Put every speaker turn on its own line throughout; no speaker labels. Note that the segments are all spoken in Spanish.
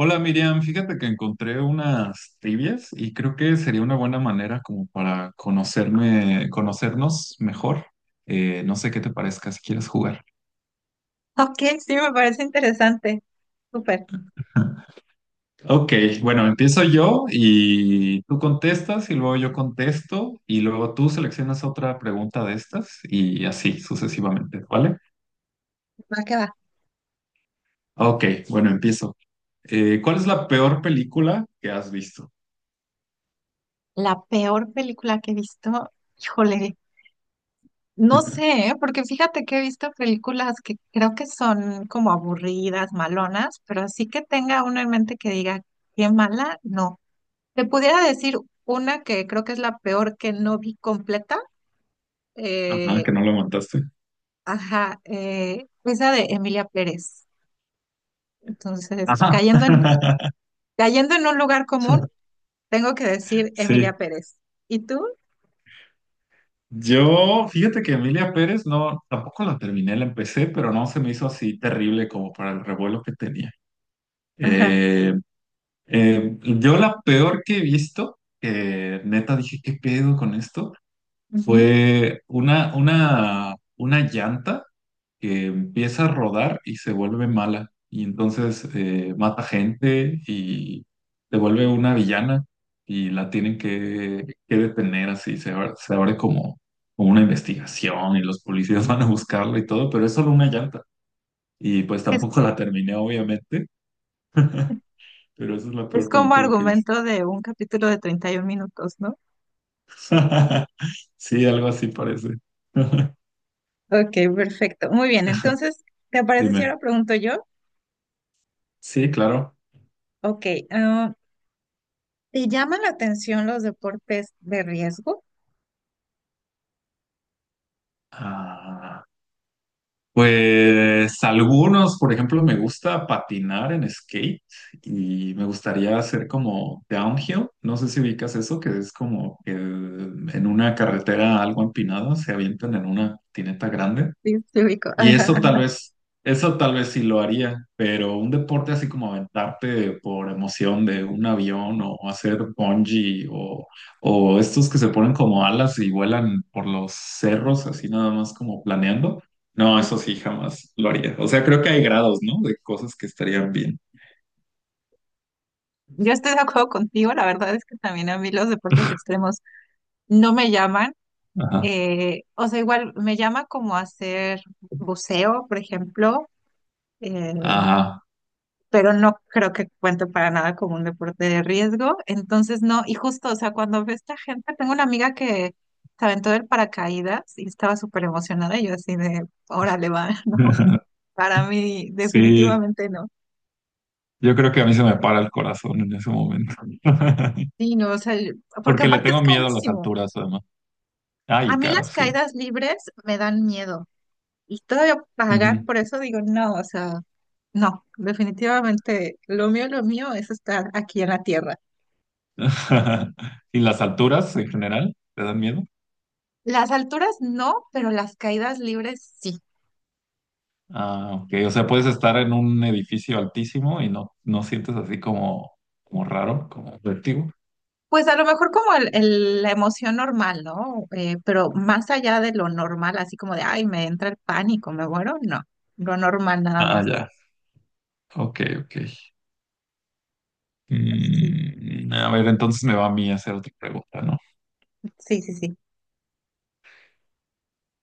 Hola Miriam, fíjate que encontré unas trivias y creo que sería una buena manera como para conocerme, conocernos mejor. No sé qué te parezca si quieres jugar.
Ok, sí, me parece interesante. Súper,
Ok, bueno, empiezo yo y tú contestas y luego yo contesto y luego tú seleccionas otra pregunta de estas y así sucesivamente, ¿vale?
va que va.
Ok, bueno, empiezo. ¿Cuál es la peor película que has visto?
La peor película que he visto, híjole, no sé, ¿eh? Porque fíjate que he visto películas que creo que son como aburridas, malonas, pero así que tenga uno en mente que diga, qué mala, no. Te pudiera decir una que creo que es la peor que no vi completa,
Ajá,
eh,
que no lo aguantaste.
ajá, esa de Emilia Pérez. Entonces,
Ajá.
cayendo en un lugar común, tengo que decir
Sí.
Emilia Pérez. ¿Y tú?
Yo, fíjate que Emilia Pérez no, tampoco la terminé, la empecé, pero no se me hizo así terrible como para el revuelo que tenía.
Ajá.
Eh, yo la peor que he visto, que neta dije, ¿qué pedo con esto?
Ujú.
Fue una llanta que empieza a rodar y se vuelve mala. Y entonces mata gente y se vuelve una villana y la tienen que detener así. Se abre como, como una investigación y los policías van a buscarla y todo, pero es solo una llanta. Y pues
Es,
tampoco la terminé, obviamente, pero esa es la
es
peor
como
película que he visto.
argumento de un capítulo de 31 minutos, ¿no?
Sí, algo así parece.
Ok, perfecto. Muy bien, entonces, ¿te parece si
Dime.
ahora pregunto yo?
Sí, claro.
Ok, ¿te llaman la atención los deportes de riesgo?
Ah, Pues algunos, por ejemplo, me gusta patinar en skate y me gustaría hacer como downhill. No sé si ubicas eso, que es como que en una carretera algo empinada se avientan en una patineta grande.
Sí, sí, ubico.
Y
Ajá, ajá.
eso tal vez sí lo haría, pero un deporte así como aventarte por emoción de un avión o hacer bungee, o estos que se ponen como alas y vuelan por los cerros así nada más como planeando, no, eso sí jamás lo haría. O sea, creo que hay grados, ¿no? De cosas que estarían bien.
Yo estoy de acuerdo contigo, la verdad es que también a mí los deportes extremos no me llaman,
Ajá,
o sea, igual me llama como hacer buceo, por ejemplo, eh,
ajá.
pero no creo que cuente para nada como un deporte de riesgo. Entonces, no, y justo, o sea, cuando ve esta gente, tengo una amiga que se aventó del paracaídas y estaba súper emocionada, y yo así de, órale, va, ¿no? Para mí,
Sí,
definitivamente no.
yo creo que a mí se me para el corazón en ese momento.
Sí, no, o sea, yo- porque
Porque le
aparte es
tengo miedo a las
carísimo.
alturas, además.
A
Ay,
mí
caro,
las
sí.
caídas libres me dan miedo. Y todavía pagar
Ujú.
por eso digo, no, o sea, no, definitivamente lo mío es estar aquí en la tierra.
¿Y las alturas en general te dan miedo?
Las alturas no, pero las caídas libres sí.
Ah, ok. O sea, puedes estar en un edificio altísimo y no, no sientes así como, como raro, como vértigo.
Pues a lo mejor como la emoción normal, ¿no? Pero más allá de lo normal, así como de, ay, me entra el pánico, me muero, no, lo normal nada
Ah,
más.
ya. Ok, ok.
Sí,
Mm, a ver, entonces me va a mí hacer otra pregunta, ¿no?
sí, sí, sí.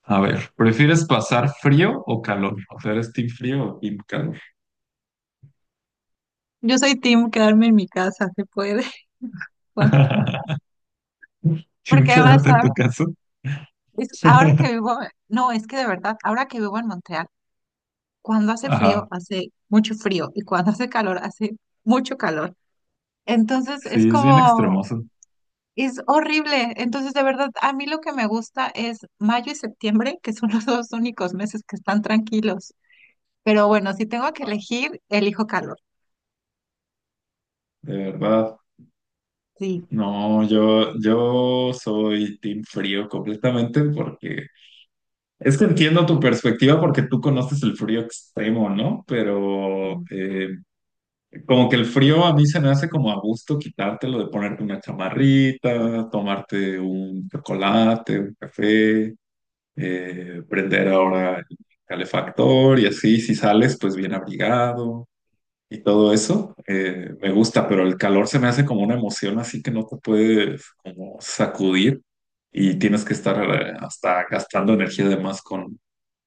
A ver, ¿prefieres pasar frío o calor? O sea, ¿eres team frío o team calor?
Yo soy team quedarme en mi casa, se puede. Bueno,
Team
porque
calor
además,
en
¿sabes?
tu caso.
Es, ahora que vivo, no, es que de verdad, ahora que vivo en Montreal, cuando hace frío,
Ajá.
hace mucho frío y cuando hace calor, hace mucho calor. Entonces es
Sí, es bien
como,
extremoso.
es horrible. Entonces, de verdad, a mí lo que me gusta es mayo y septiembre, que son los dos únicos meses que están tranquilos. Pero bueno, si tengo que elegir, elijo calor.
De verdad.
Sí.
No, yo soy team frío completamente porque es que entiendo tu perspectiva porque tú conoces el frío extremo, ¿no? Pero
Sí,
como que el frío a mí se me hace como a gusto quitártelo de ponerte una chamarrita, tomarte un chocolate, un café, prender ahora el calefactor y así, si sales pues bien abrigado y todo eso, me gusta, pero el calor se me hace como una emoción así que no te puedes como sacudir y tienes que estar hasta gastando energía de más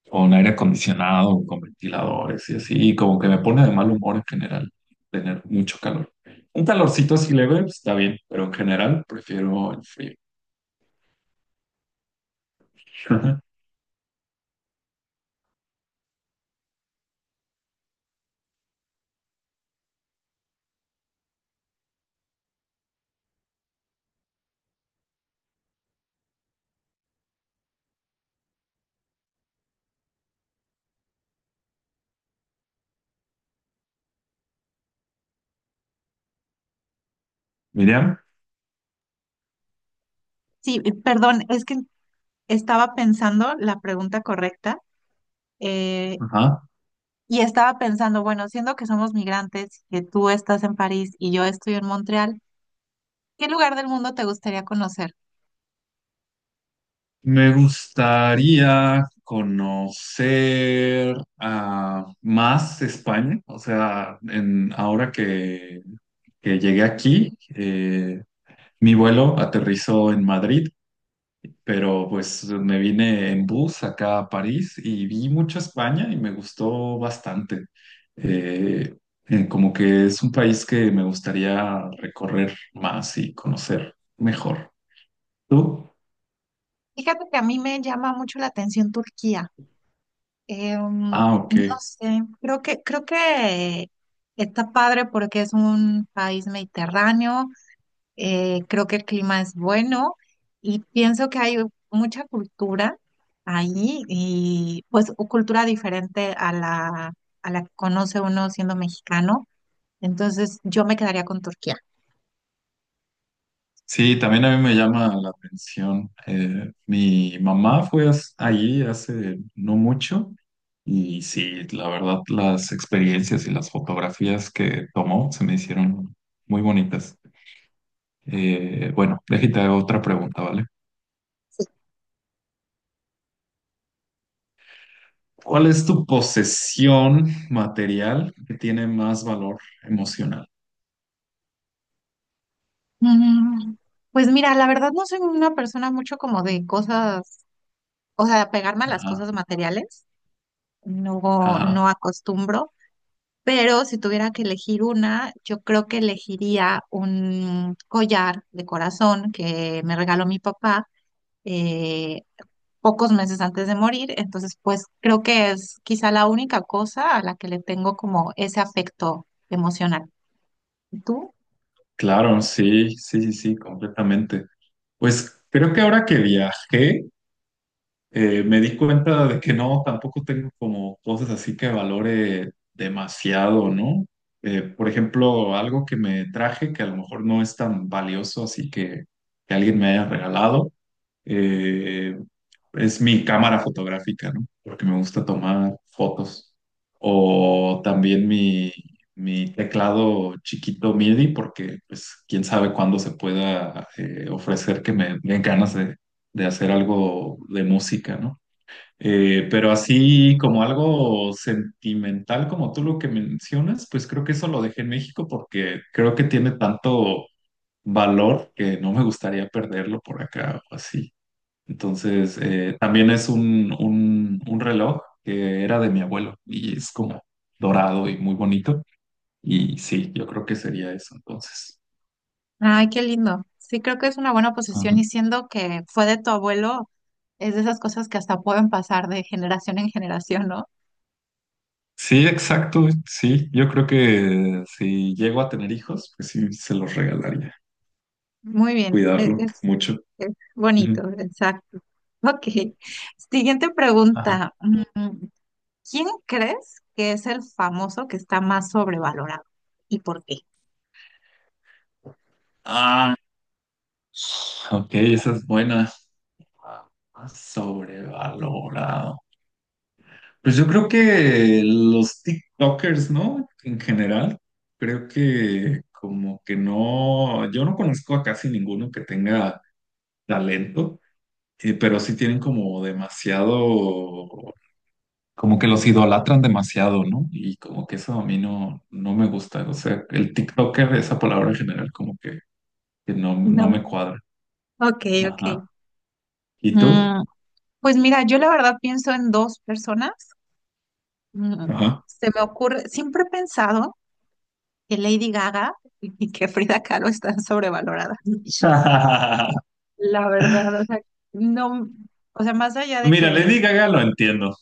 con aire acondicionado, con ventiladores y así, y como que me pone de mal humor en general tener mucho calor. Un calorcito así leve pues, está bien, pero en general prefiero el frío. Miriam,
sí, y perdón, es que estaba pensando la pregunta correcta. eh,
ajá.
y estaba pensando, bueno, siendo que somos migrantes, que tú estás en París y yo estoy en Montreal, ¿qué lugar del mundo te gustaría conocer?
Me gustaría conocer a más España, o sea, en, ahora que llegué aquí, mi vuelo aterrizó en Madrid, pero pues me vine en bus acá a París y vi mucho España y me gustó bastante. Eh, Como que es un país que me gustaría recorrer más y conocer mejor. ¿Tú?
Fíjate que a mí me llama mucho la atención Turquía.
Ah, ok.
No sé, creo que está padre porque es un país mediterráneo, creo que el clima es bueno y pienso que hay mucha cultura ahí y pues u- cultura diferente a a la que conoce uno siendo mexicano. Entonces yo me quedaría con Turquía.
Sí, también a mí me llama la atención. Mi mamá fue as- allí hace no mucho y sí, la verdad, las experiencias y las fotografías que tomó se me hicieron muy bonitas. Bueno, déjate hago otra pregunta, ¿vale? ¿Cuál es tu posesión material que tiene más valor emocional?
Mm, pues mira, la verdad no soy una persona mucho como de cosas, o sea, pegarme a las
Ajá,
cosas materiales, no,
ajá,
no acostumbro, pero si tuviera que elegir una, yo creo que elegiría un collar de corazón que me regaló mi papá eh, pocos meses antes de morir, entonces pues creo que es quizá la única cosa a la que le tengo como ese afecto emocional. ¿Tú?
claro, sí, sí, sí, sí, completamente. Pues creo que ahora que viajé, me di cuenta de que no, tampoco tengo como cosas así que valore demasiado, ¿no? Por ejemplo, algo que me traje que a lo mejor no es tan valioso, así que alguien me haya regalado, eh, es mi cámara fotográfica, ¿no? Porque me gusta tomar fotos. O también mi teclado chiquito MIDI, porque pues quién sabe cuándo se pueda ofrecer que me den ganas de hacer algo de música, ¿no? Pero así como algo sentimental como tú lo que mencionas, pues creo que eso lo dejé en México porque creo que tiene tanto valor que no me gustaría perderlo por acá o así. Entonces, también es un reloj que era de mi abuelo y es como dorado y muy bonito. Y sí, yo creo que sería eso entonces.
Ay, qué lindo. Sí, creo que es una buena posesión y siendo que fue de tu abuelo, es de esas cosas que hasta pueden pasar de generación en generación, ¿no?
Sí, exacto, sí. Yo creo que si llego a tener hijos, pues sí, se los regalaría.
Muy bien, e-
Cuidarlo mucho.
es
Ujú.
bonito, exacto. Ok, siguiente
Ajá.
pregunta. Mm, ¿quién crees que es el famoso que está más sobrevalorado y por qué?
Ah, ok, esa es buena. Ah, Sobrevalorado. Pues yo creo que los TikTokers, ¿no? En general, creo que como que no, yo no conozco a casi ninguno que tenga talento, pero sí tienen como demasiado como que los idolatran demasiado, ¿no? Y como que eso a mí no, no me gusta. O sea, el TikToker, esa palabra en general, como que no, no me
No.
cuadra.
Ok, ok.
Ajá. ¿Y tú?
Mm, pues mira, yo la verdad pienso en dos personas. Mm,
Ajá.
se me ocurre, siempre he pensado que Lady Gaga y que Frida Kahlo están sobrevaloradas. La verdad, o sea, no, o sea, más allá de
Mira,
que,
Lady Gaga lo entiendo,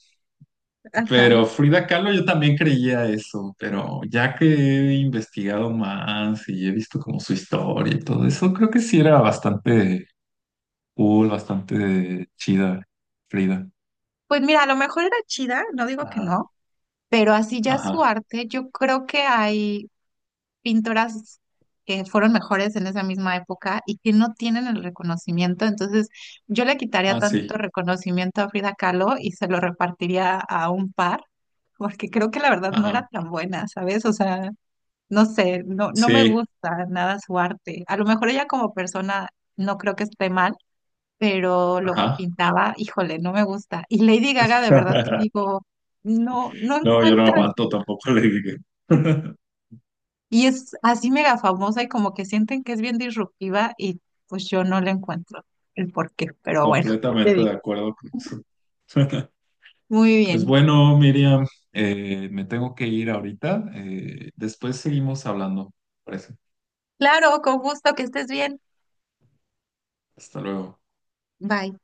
ajá,
pero Frida Kahlo yo también creía eso, pero ya que he investigado más y he visto como su historia y todo eso, creo que sí era bastante cool, bastante chida, Frida.
pues mira, a lo mejor era chida, no digo que
Ajá,
no, pero así ya su
ajá,
arte, yo creo que hay pintoras que fueron mejores en esa misma época y que no tienen el reconocimiento, entonces yo le quitaría
ah,
tantito
sí,
reconocimiento a Frida Kahlo y se lo repartiría a un par, porque creo que la verdad no
ajá,
era tan buena, ¿sabes? O sea... No sé, no, no me
sí.
gusta nada su arte. A lo mejor ella como persona no creo que esté mal, pero lo que
Ajá.
pintaba, híjole, no me gusta. Y Lady Gaga, de verdad que digo, no, no
No, yo no
encuentra.
aguanto tampoco le dije.
Y es así mega famosa y como que sienten que es bien disruptiva y pues yo no le encuentro el porqué. Pero bueno, ¿qué te
Completamente de
digo?
acuerdo con eso.
Muy
Pues
bien.
bueno, Miriam, me tengo que ir ahorita. Después seguimos hablando, parece.
Claro, con gusto, que estés bien.
Hasta luego.
Bye.